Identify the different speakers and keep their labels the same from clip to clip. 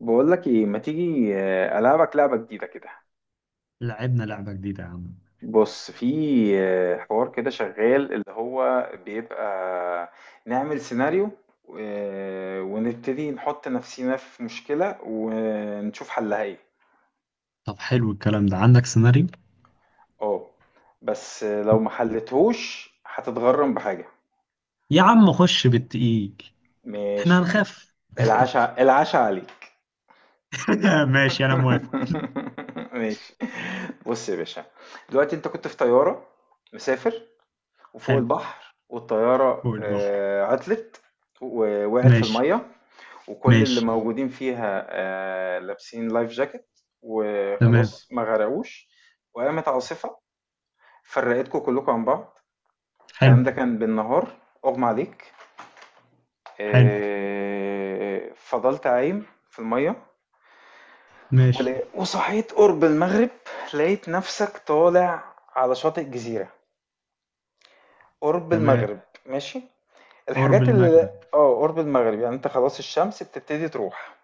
Speaker 1: بقول لك ايه، ما تيجي العبك لعبه جديده كده.
Speaker 2: لعبنا لعبة جديدة يا عم.
Speaker 1: بص، في حوار كده شغال اللي هو بيبقى، نعمل سيناريو، ونبتدي نحط نفسينا في مشكله ونشوف حلها ايه.
Speaker 2: طب حلو الكلام ده، عندك سيناريو؟
Speaker 1: اه. بس لو ما حلتهوش هتتغرم بحاجه.
Speaker 2: يا عم خش بالتقيل. احنا
Speaker 1: ماشي.
Speaker 2: هنخاف.
Speaker 1: العشاء العشاء عليك.
Speaker 2: ماشي، انا موافق.
Speaker 1: ماشي. بص يا باشا، دلوقتي انت كنت في طياره، مسافر، وفوق
Speaker 2: حلو،
Speaker 1: البحر، والطيارة
Speaker 2: فوق البحر.
Speaker 1: عطلت. ووقعت في
Speaker 2: ماشي.
Speaker 1: المية. وكل اللي
Speaker 2: ماشي.
Speaker 1: موجودين فيها لابسين لايف جاكيت،
Speaker 2: تمام.
Speaker 1: وخلاص ما غرقوش. وقامت عاصفة، فرقتكم كلكم عن بعض.
Speaker 2: حلو.
Speaker 1: الكلام ده كان بالنهار. أغمى عليك،
Speaker 2: حلو.
Speaker 1: فضلت عايم في المية.
Speaker 2: ماشي.
Speaker 1: وصحيت قرب المغرب. لقيت نفسك طالع على شاطئ جزيرة، قرب
Speaker 2: تمام.
Speaker 1: المغرب. ماشي.
Speaker 2: قرب
Speaker 1: الحاجات اللي
Speaker 2: المغرب.
Speaker 1: اه، قرب المغرب يعني انت خلاص الشمس بتبتدي تروح.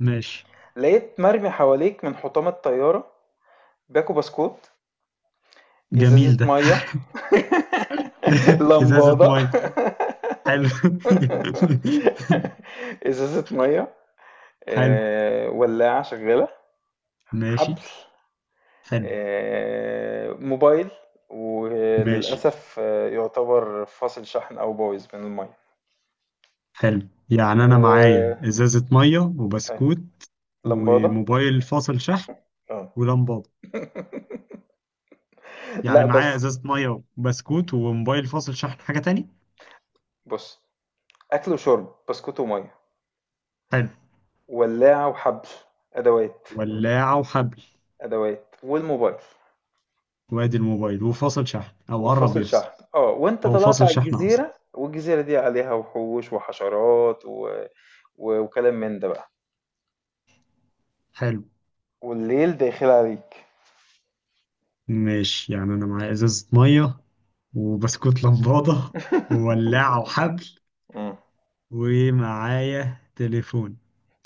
Speaker 2: ماشي.
Speaker 1: لقيت مرمي حواليك من حطام الطيارة: باكو بسكوت، ازازة
Speaker 2: جميل ده.
Speaker 1: مية،
Speaker 2: ازازة
Speaker 1: لمبادة،
Speaker 2: مية. حلو.
Speaker 1: ازازة مية،
Speaker 2: حلو.
Speaker 1: ولاعة شغالة،
Speaker 2: ماشي.
Speaker 1: حبل،
Speaker 2: حلو.
Speaker 1: موبايل،
Speaker 2: ماشي.
Speaker 1: وللأسف يعتبر فاصل شحن أو بايظ من المية،
Speaker 2: حلو،
Speaker 1: و
Speaker 2: يعني انا معايا ازازة مية وبسكوت
Speaker 1: لمبادة.
Speaker 2: وموبايل فاصل شحن
Speaker 1: اه.
Speaker 2: ولمبة. يعني
Speaker 1: لا،
Speaker 2: معايا
Speaker 1: بس
Speaker 2: ازازه ميه وبسكوت وموبايل فاصل شحن، حاجه تاني؟
Speaker 1: بص، اكل وشرب بسكوت وميه،
Speaker 2: حلو.
Speaker 1: ولاعه وحبل، ادوات،
Speaker 2: ولاعه وحبل.
Speaker 1: ادوات والموبايل
Speaker 2: وادي الموبايل وفاصل شحن او قرب
Speaker 1: وفاصل
Speaker 2: يفصل.
Speaker 1: شحن، اه. وانت
Speaker 2: هو
Speaker 1: طلعت
Speaker 2: فاصل
Speaker 1: على
Speaker 2: شحن اصلا.
Speaker 1: الجزيره، والجزيره دي عليها وحوش وحشرات وكلام من ده بقى،
Speaker 2: حلو.
Speaker 1: والليل داخل عليك.
Speaker 2: ماشي، يعني انا معايا ازازه ميه وبسكوت لمبادة وولاعه وحبل
Speaker 1: مم.
Speaker 2: ومعايا تليفون.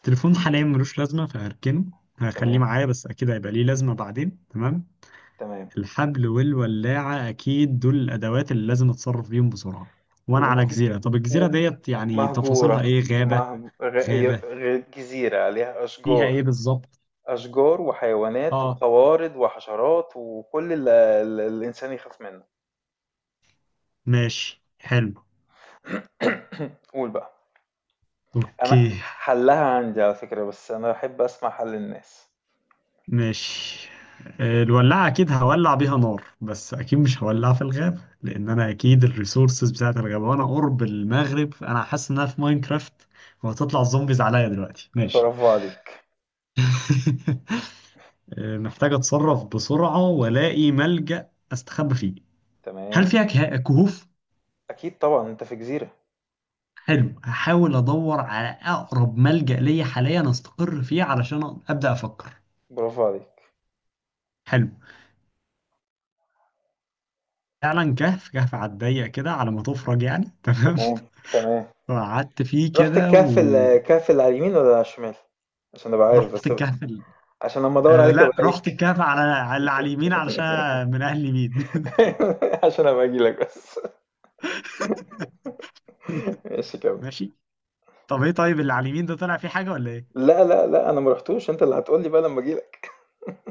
Speaker 2: تليفون حاليا ملوش لازمه فهركنه. هخليه
Speaker 1: تمام،
Speaker 2: معايا، بس اكيد هيبقى ليه لازمه بعدين، تمام.
Speaker 1: تمام.
Speaker 2: الحبل والولاعة أكيد دول الأدوات اللي لازم أتصرف بيهم بسرعة. وأنا على
Speaker 1: ومط...
Speaker 2: جزيرة، طب الجزيرة ديت يعني تفاصيلها
Speaker 1: ومهجوره.
Speaker 2: إيه؟ غابة؟
Speaker 1: مهج... غ... ي-
Speaker 2: غابة،
Speaker 1: غ... جزيره عليها
Speaker 2: فيها
Speaker 1: اشجار.
Speaker 2: إيه بالظبط؟
Speaker 1: اشجار وحيوانات
Speaker 2: آه.
Speaker 1: وقوارض وحشرات، وكل اللي الانسان يخاف منه.
Speaker 2: ماشي، حلو.
Speaker 1: قول بقى. انا
Speaker 2: أوكي.
Speaker 1: حلها عندي على فكرة، بس انا بحب اسمع حل الناس.
Speaker 2: ماشي. الولاعة أكيد هولع بيها نار، بس أكيد مش هولعها في الغابة، لأن أنا أكيد الريسورسز بتاعت الغابة، وأنا قرب المغرب أنا حاسس إنها في ماينكرافت، وهتطلع الزومبيز عليا دلوقتي، ماشي.
Speaker 1: برافو عليك.
Speaker 2: محتاج اتصرف بسرعة والاقي ملجأ استخبى فيه.
Speaker 1: تمام.
Speaker 2: هل فيها كهوف؟
Speaker 1: اكيد طبعا، انت في جزيرة.
Speaker 2: حلو، هحاول ادور على اقرب ملجأ ليا حاليا استقر فيه علشان ابدأ افكر.
Speaker 1: برافو عليك.
Speaker 2: حلو، فعلا كهف، كهف على الضيق كده على ما تفرج يعني، تمام.
Speaker 1: تمام، تمام.
Speaker 2: فقعدت فيه
Speaker 1: رحت
Speaker 2: كده.
Speaker 1: الكهف، الكهف اللي على اليمين ولا على الشمال؟ عشان ابقى عارف
Speaker 2: ورحت
Speaker 1: بس.
Speaker 2: الكهف.
Speaker 1: عشان لما ادور
Speaker 2: آه
Speaker 1: عليك
Speaker 2: لا،
Speaker 1: الاقيك.
Speaker 2: رحت الكهف على اللي على اليمين علشان من اهل اليمين.
Speaker 1: عشان ابقى اجي لك بس. ماشي، كمل.
Speaker 2: ماشي. طب ايه، طيب اللي على اليمين ده طلع فيه حاجة ولا ايه؟
Speaker 1: لا، لا، لا، انا ما رحتوش، انت اللي هتقول لي بقى لما اجي لك.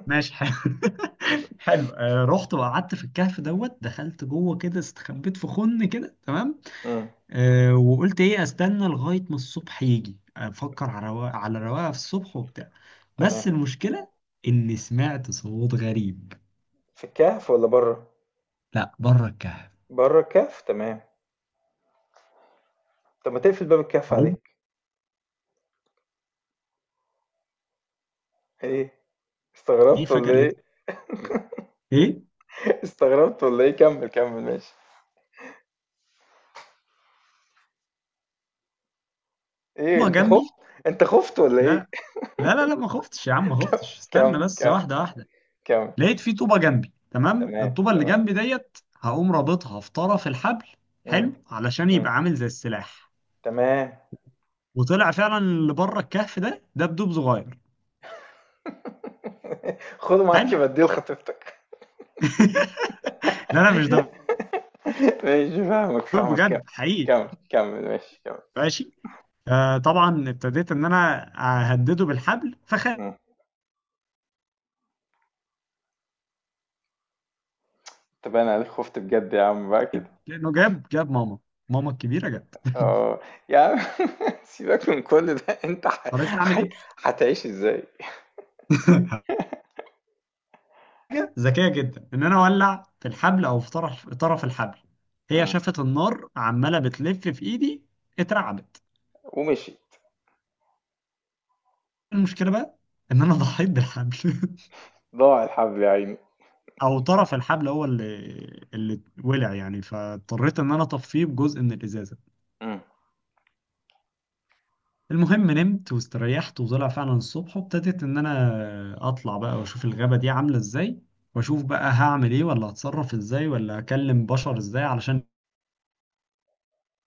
Speaker 2: ماشي، حلو. حلو، رحت وقعدت في الكهف دوت، دخلت جوه كده، استخبيت في خن كده، تمام.
Speaker 1: امم.
Speaker 2: وقلت ايه، استنى لغايه ما الصبح يجي افكر على رواقه، على رواقه في الصبح وبتاع. بس
Speaker 1: تمام.
Speaker 2: المشكله اني سمعت صوت غريب.
Speaker 1: في الكهف ولا بره؟
Speaker 2: لا، بره الكهف.
Speaker 1: بره الكهف. تمام. طب ما تقفل باب الكهف
Speaker 2: عوم.
Speaker 1: عليك. ايه،
Speaker 2: ايه
Speaker 1: استغربت
Speaker 2: فجاه
Speaker 1: ولا
Speaker 2: لقيت.
Speaker 1: ايه؟
Speaker 2: ايه
Speaker 1: استغربت ولا ايه؟ كمل، كمل، ماشي. ايه،
Speaker 2: بابا جنبي.
Speaker 1: انت خفت ولا ايه؟
Speaker 2: لا، لا، لا، لا، ما خفتش يا عم، ما خفتش، استنى
Speaker 1: كمل،
Speaker 2: بس،
Speaker 1: كمل،
Speaker 2: واحده واحده.
Speaker 1: كمل.
Speaker 2: لقيت في طوبه جنبي، تمام،
Speaker 1: تمام،
Speaker 2: الطوبه اللي
Speaker 1: تمام.
Speaker 2: جنبي ديت هقوم رابطها في طرف الحبل.
Speaker 1: مم.
Speaker 2: حلو، علشان
Speaker 1: مم.
Speaker 2: يبقى عامل زي السلاح.
Speaker 1: تمام.
Speaker 2: وطلع فعلا اللي بره الكهف ده دبدوب صغير.
Speaker 1: خده
Speaker 2: حلو.
Speaker 1: معاك بديه لخطيبتك.
Speaker 2: لا، لا، مش دبدوب.
Speaker 1: ماشي، فاهمك فاهمك، كمل،
Speaker 2: بجد حقيقي.
Speaker 1: كمل، كمل، ماشي، كمل.
Speaker 2: ماشي، آه طبعا ابتديت ان انا اهدده بالحبل فخاف.
Speaker 1: مم. طب انا عليك خفت بجد يا عم بقى كده.
Speaker 2: لانه جاب ماما، ماما الكبيره جت.
Speaker 1: اه. يا عم سيبك من كل ده انت
Speaker 2: اضطريت اعمل
Speaker 1: ح...
Speaker 2: ايه.
Speaker 1: هتعيش ازاي؟
Speaker 2: حاجه ذكيه جدا ان انا اولع في الحبل او في طرف الحبل. هي
Speaker 1: مم.
Speaker 2: شافت النار عماله بتلف في ايدي. اترعبت.
Speaker 1: ومشي.
Speaker 2: المشكلة بقى إن أنا ضحيت بالحبل.
Speaker 1: ضاع الحب يا عيني.
Speaker 2: أو طرف الحبل هو اللي ولع يعني، فاضطريت إن أنا أطفيه بجزء من الإزازة. المهم نمت واستريحت، وطلع فعلا الصبح، وابتديت إن أنا أطلع بقى وأشوف الغابة دي عاملة إزاي. وأشوف بقى هعمل إيه ولا هتصرف إزاي ولا هكلم بشر إزاي، علشان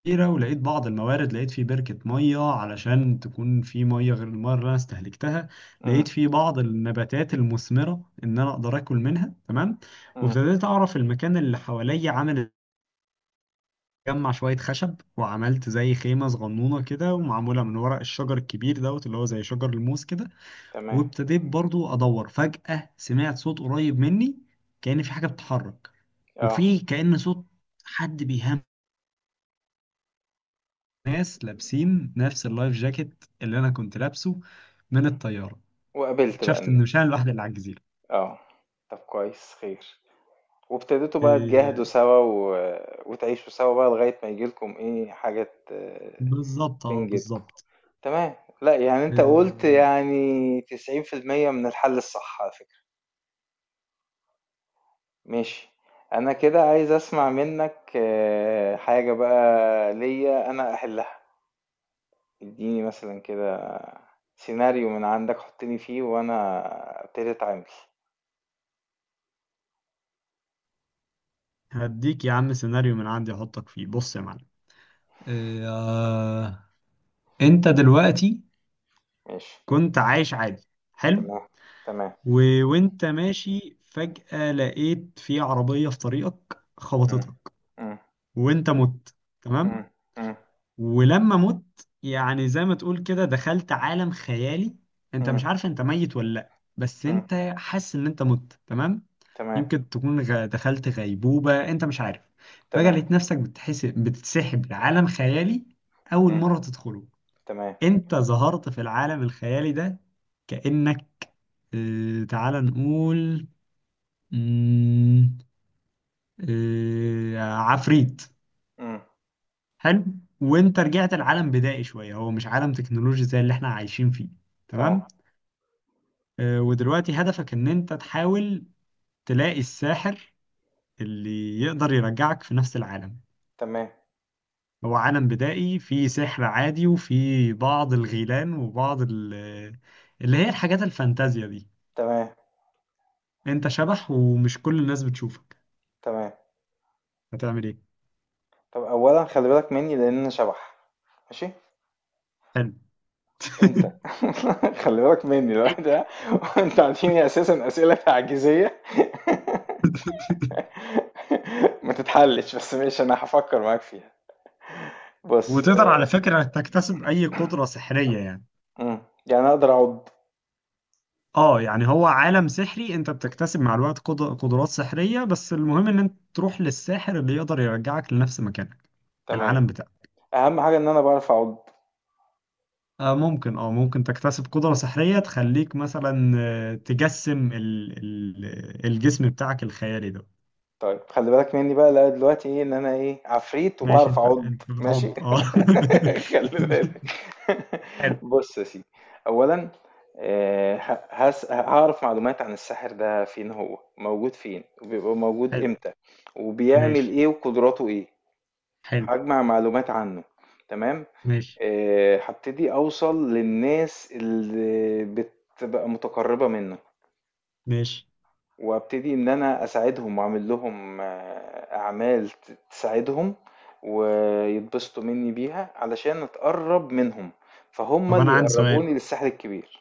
Speaker 2: كتيرة. ولقيت بعض الموارد، لقيت في بركة مية علشان تكون في مية غير المية اللي أنا استهلكتها.
Speaker 1: مم.
Speaker 2: لقيت في بعض النباتات المثمرة إن أنا أقدر آكل منها، تمام.
Speaker 1: مم.
Speaker 2: وابتديت أعرف المكان اللي حواليا عامل. أجمع شوية خشب وعملت زي خيمة صغنونة كده، ومعمولة من ورق الشجر الكبير دوت اللي هو زي شجر الموز كده.
Speaker 1: تمام.
Speaker 2: وابتديت برضو أدور، فجأة سمعت صوت قريب مني، كأن في حاجة بتتحرك.
Speaker 1: آه.
Speaker 2: وفي كأن صوت حد بيهمس. ناس لابسين نفس اللايف جاكيت اللي انا كنت لابسه من الطياره.
Speaker 1: وقابلت بقى
Speaker 2: اكتشفت ان مش انا
Speaker 1: الناس.
Speaker 2: الوحيد اللي على الجزيره.
Speaker 1: آه. طب كويس خير. وابتديتوا بقى تجاهدوا
Speaker 2: إيه
Speaker 1: سوا وتعيشوا سوا بقى لغاية ما ييجي لكم إيه حاجة
Speaker 2: بالظبط، اه
Speaker 1: تنجدكم.
Speaker 2: بالظبط.
Speaker 1: تمام. لأ، يعني أنت قُلت
Speaker 2: إيه.
Speaker 1: يعني 90% من الحل الصح على فكرة. ماشي. أنا كده عايز أسمع منّك حاجة بقى ليّا أنا أحلها. ادّيني مثلًا كده سيناريو من عندك، حُطّني فيه وأنا أبتدي أتعامل.
Speaker 2: هديك يا عم سيناريو من عندي احطك فيه، بص يا معلم. إيه آه. انت دلوقتي
Speaker 1: ماشي.
Speaker 2: كنت عايش عادي. حلو.
Speaker 1: تمام، تمام،
Speaker 2: و... وانت ماشي فجأة لقيت في عربية في طريقك
Speaker 1: إمم،
Speaker 2: خبطتك.
Speaker 1: إمم،
Speaker 2: وانت مت، تمام.
Speaker 1: إمم، إمم،
Speaker 2: ولما مت يعني زي ما تقول كده دخلت عالم خيالي. انت
Speaker 1: إمم،
Speaker 2: مش عارف انت ميت ولا لا، بس
Speaker 1: إمم،
Speaker 2: انت حاسس ان انت مت، تمام.
Speaker 1: تمام،
Speaker 2: يمكن تكون دخلت غيبوبة، انت مش عارف. فجأة
Speaker 1: تمام،
Speaker 2: لقيت نفسك بتحس بتتسحب لعالم خيالي، اول
Speaker 1: إمم،
Speaker 2: مرة تدخله.
Speaker 1: تمام،
Speaker 2: انت ظهرت في العالم الخيالي ده، كأنك اه تعال نقول مم، اه عفريت.
Speaker 1: إمم،
Speaker 2: حلو. وانت رجعت لعالم بدائي شويه، هو مش عالم تكنولوجي زي اللي احنا عايشين فيه، تمام.
Speaker 1: آه،
Speaker 2: ودلوقتي هدفك ان انت تحاول تلاقي الساحر اللي يقدر يرجعك في نفس العالم.
Speaker 1: تمام،
Speaker 2: هو عالم بدائي فيه سحر عادي وفيه بعض الغيلان وبعض اللي هي الحاجات الفانتازيا دي.
Speaker 1: تمام،
Speaker 2: انت شبح ومش كل الناس بتشوفك،
Speaker 1: تمام.
Speaker 2: هتعمل ايه؟
Speaker 1: طَب أولًا خلِّ بالك منّي لإن أنا شبح، ماشي،
Speaker 2: حلو.
Speaker 1: أنت خلِّ بالك منّي الواحد ده، وأنت عاطيني أساسًا أسئلة تعجيزية ما تتحلِّش، بس ماشي أنا هافكّر معاك فيها. بُص
Speaker 2: وتقدر على فكرة تكتسب أي قدرة سحرية يعني.
Speaker 1: إمم، يعني أقدر أعُض.
Speaker 2: اه يعني هو عالم سحري، انت بتكتسب مع الوقت قدرات سحرية، بس المهم ان انت تروح للساحر اللي يقدر يرجعك لنفس مكانك،
Speaker 1: تمام.
Speaker 2: العالم بتاعك.
Speaker 1: أهم حاجة إن أنا باعرف أعُض.
Speaker 2: آه ممكن، اه ممكن تكتسب قدرة سحرية تخليك مثلا تجسم ال الجسم بتاعك الخيالي ده.
Speaker 1: طيب، خلي بالك مني بقى. لقى دلوقتي ايه؟ ان انا ايه، عفريت
Speaker 2: ماشي،
Speaker 1: وبعرف
Speaker 2: انت
Speaker 1: اعض.
Speaker 2: انت بتعض
Speaker 1: ماشي.
Speaker 2: اه.
Speaker 1: خلي بالك.
Speaker 2: حلو.
Speaker 1: بص يا سيدي، اولا هعرف معلومات عن الساحر ده، فين هو موجود، فين وبيبقى موجود
Speaker 2: حلو،
Speaker 1: امتى، وبيعمل
Speaker 2: ماشي.
Speaker 1: ايه، وقدراته ايه.
Speaker 2: حلو،
Speaker 1: هجمع معلومات عنه. تمام.
Speaker 2: ماشي.
Speaker 1: هبتدي اوصل للناس اللي بتبقى متقربة منه،
Speaker 2: ماشي.
Speaker 1: وابتدي ان انا اساعدهم واعمل لهم اعمال تساعدهم. ويتبسطوا مني بيها علشان اتقرب منهم، فهم
Speaker 2: طب
Speaker 1: اللي
Speaker 2: انا عندي سؤال،
Speaker 1: يقربوني للساحل الكبير.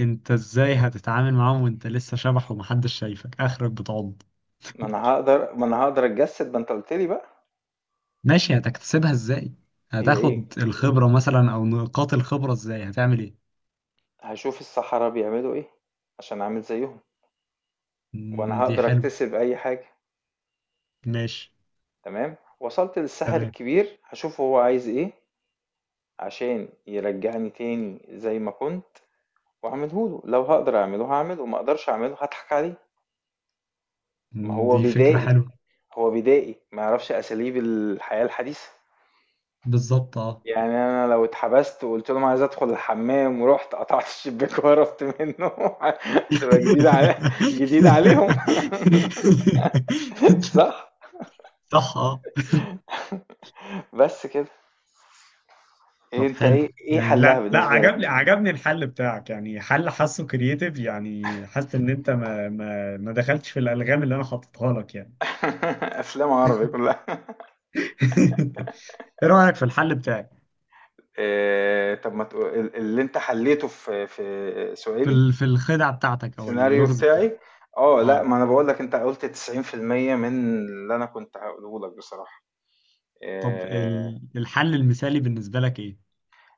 Speaker 2: انت ازاي هتتعامل معاهم وانت لسه شبح ومحدش شايفك، اخرك بتعض.
Speaker 1: ما انا هقدر اتجسد، ما انت قلت لي بقى.
Speaker 2: ماشي، هتكتسبها ازاي،
Speaker 1: هي ايه؟
Speaker 2: هتاخد الخبرة مثلا او نقاط الخبرة، ازاي هتعمل ايه؟
Speaker 1: هشوف الصحراء بيعملوا ايه عشان اعمل زيهم. وانا
Speaker 2: مم، دي
Speaker 1: هقدر
Speaker 2: حلوة.
Speaker 1: اكتسب اي حاجة.
Speaker 2: ماشي.
Speaker 1: تمام. وصلت للساحل
Speaker 2: تمام.
Speaker 1: الكبير، هشوف هو عايز ايه عشان يرجعني تاني زي ما كنت. واعمله له، لو هقدر اعمله هعمله، ما اقدرش اعمله هضحك عليه. ما
Speaker 2: مم،
Speaker 1: هو
Speaker 2: دي فكرة
Speaker 1: بدائي،
Speaker 2: حلوة.
Speaker 1: هو بدائي ما يعرفش اساليب الحياة الحديثة.
Speaker 2: بالظبط اه.
Speaker 1: يعني انا لو اتحبست وقلت لهم عايز ادخل الحمام، ورحت قطعت الشباك وهربت منه. هتبقى جديدة جديدة عليهم. صح.
Speaker 2: صح اه.
Speaker 1: بس كده. إيه
Speaker 2: طب
Speaker 1: انت،
Speaker 2: حلو،
Speaker 1: ايه
Speaker 2: يعني
Speaker 1: حلها
Speaker 2: لا لا
Speaker 1: بالنسبة
Speaker 2: عجبني
Speaker 1: لك؟
Speaker 2: عجبني الحل بتاعك، يعني حل حاسه كرييتيف، يعني حاسس ان انت ما دخلتش في الالغام اللي انا حاططها لك يعني.
Speaker 1: افلام عربي كلها.
Speaker 2: ايه رأيك في الحل بتاعي؟
Speaker 1: إيه طب، ما تقول- ال- اللي انت حليته في
Speaker 2: في
Speaker 1: سؤالي،
Speaker 2: في الخدعة بتاعتك او
Speaker 1: السيناريو
Speaker 2: اللغز.
Speaker 1: بتاعي. اه، لا،
Speaker 2: اه
Speaker 1: ما انا بقول لك انت قلت 90% من اللي انا كنت هقوله لك بصراحة.
Speaker 2: طب
Speaker 1: آه،
Speaker 2: الحل المثالي بالنسبة لك ايه؟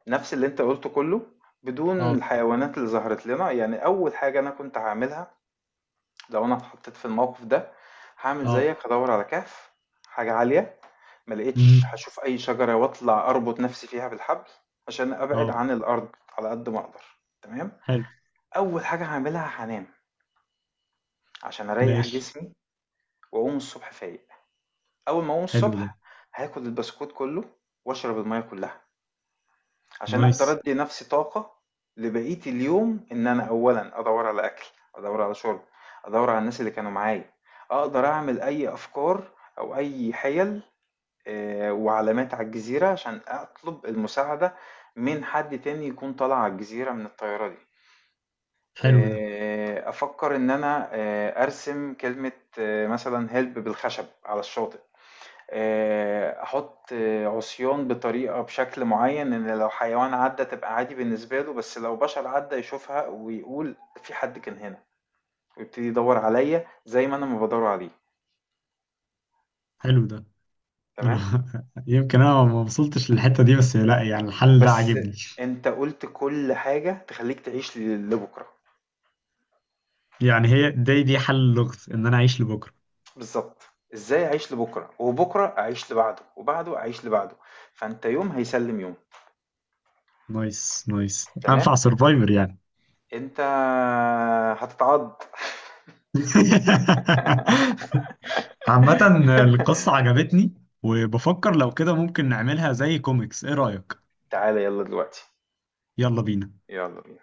Speaker 1: نفس اللي انت قلته كله، بدون
Speaker 2: اه،
Speaker 1: الحيوانات اللي ظهرت لنا. يعني اول حاجة انا كنت هعملها لو انا اتحطيت في الموقف ده، هعمل
Speaker 2: اه،
Speaker 1: زيك، هدور على كهف، حاجة عالية. ما لقيتش،
Speaker 2: امم،
Speaker 1: هشوف اي شجرة واطلع اربط نفسي فيها بالحبل، عشان ابعد
Speaker 2: اه.
Speaker 1: عن الارض على قد ما اقدر. تمام.
Speaker 2: حلو،
Speaker 1: اول حاجة هعملها هنام، عشان اريح
Speaker 2: ماشي.
Speaker 1: جسمي واقوم الصبح فايق. أول ما أقوم
Speaker 2: حلو ده.
Speaker 1: الصبح، هاكل البسكوت كله وأشرب المية كلها، عشان
Speaker 2: نايس.
Speaker 1: أقدر أدي نفسي طاقة لبقية اليوم. إن أنا أولا أدور على أكل، أدور على شرب، أدور على الناس اللي كانوا معايا. أقدر أعمل أي أفكار أو أي حيل وعلامات على الجزيرة، عشان أطلب المساعدة من حد تاني يكون طالع على الجزيرة من الطيارة دي.
Speaker 2: حلو ده.
Speaker 1: أفكر إن أنا أرسم كلمة مثلا هيلب بالخشب على الشاطئ. أحط عصيان بطريقة بشكل معيّن، إن لو حيوان عدّى تبقى عادي بالنسبة له، بس لو بشر عدّى يشوفها ويقول: في حد كان هنا، ويبتدي يدوّر عليَّ زي ما أنا ما بادوّر عليه.
Speaker 2: حلو ده. انا
Speaker 1: تمام؟
Speaker 2: يمكن انا ما وصلتش للحتة دي، بس لا يعني الحل ده
Speaker 1: بس
Speaker 2: عاجبني.
Speaker 1: أنت قُلت كل حاجة تخلّيك تعيش لبُكرة.
Speaker 2: يعني هي دي حل اللغز ان انا اعيش لبكرة.
Speaker 1: بالضبط. إزاي أعيش لبُكرة، وبُكرة أعيش لبعده، وبعده أعيش لبعده. فأنت يوم هيسلّم يوم.
Speaker 2: نايس، نايس،
Speaker 1: تمام؟
Speaker 2: انفع سرفايفر يعني.
Speaker 1: أنت هتتعض.
Speaker 2: عامة القصة عجبتني، وبفكر لو كده ممكن نعملها زي كوميكس، ايه رأيك؟
Speaker 1: تعالَ يالّا دلوقتي،
Speaker 2: يلا بينا.
Speaker 1: يالّا بينا.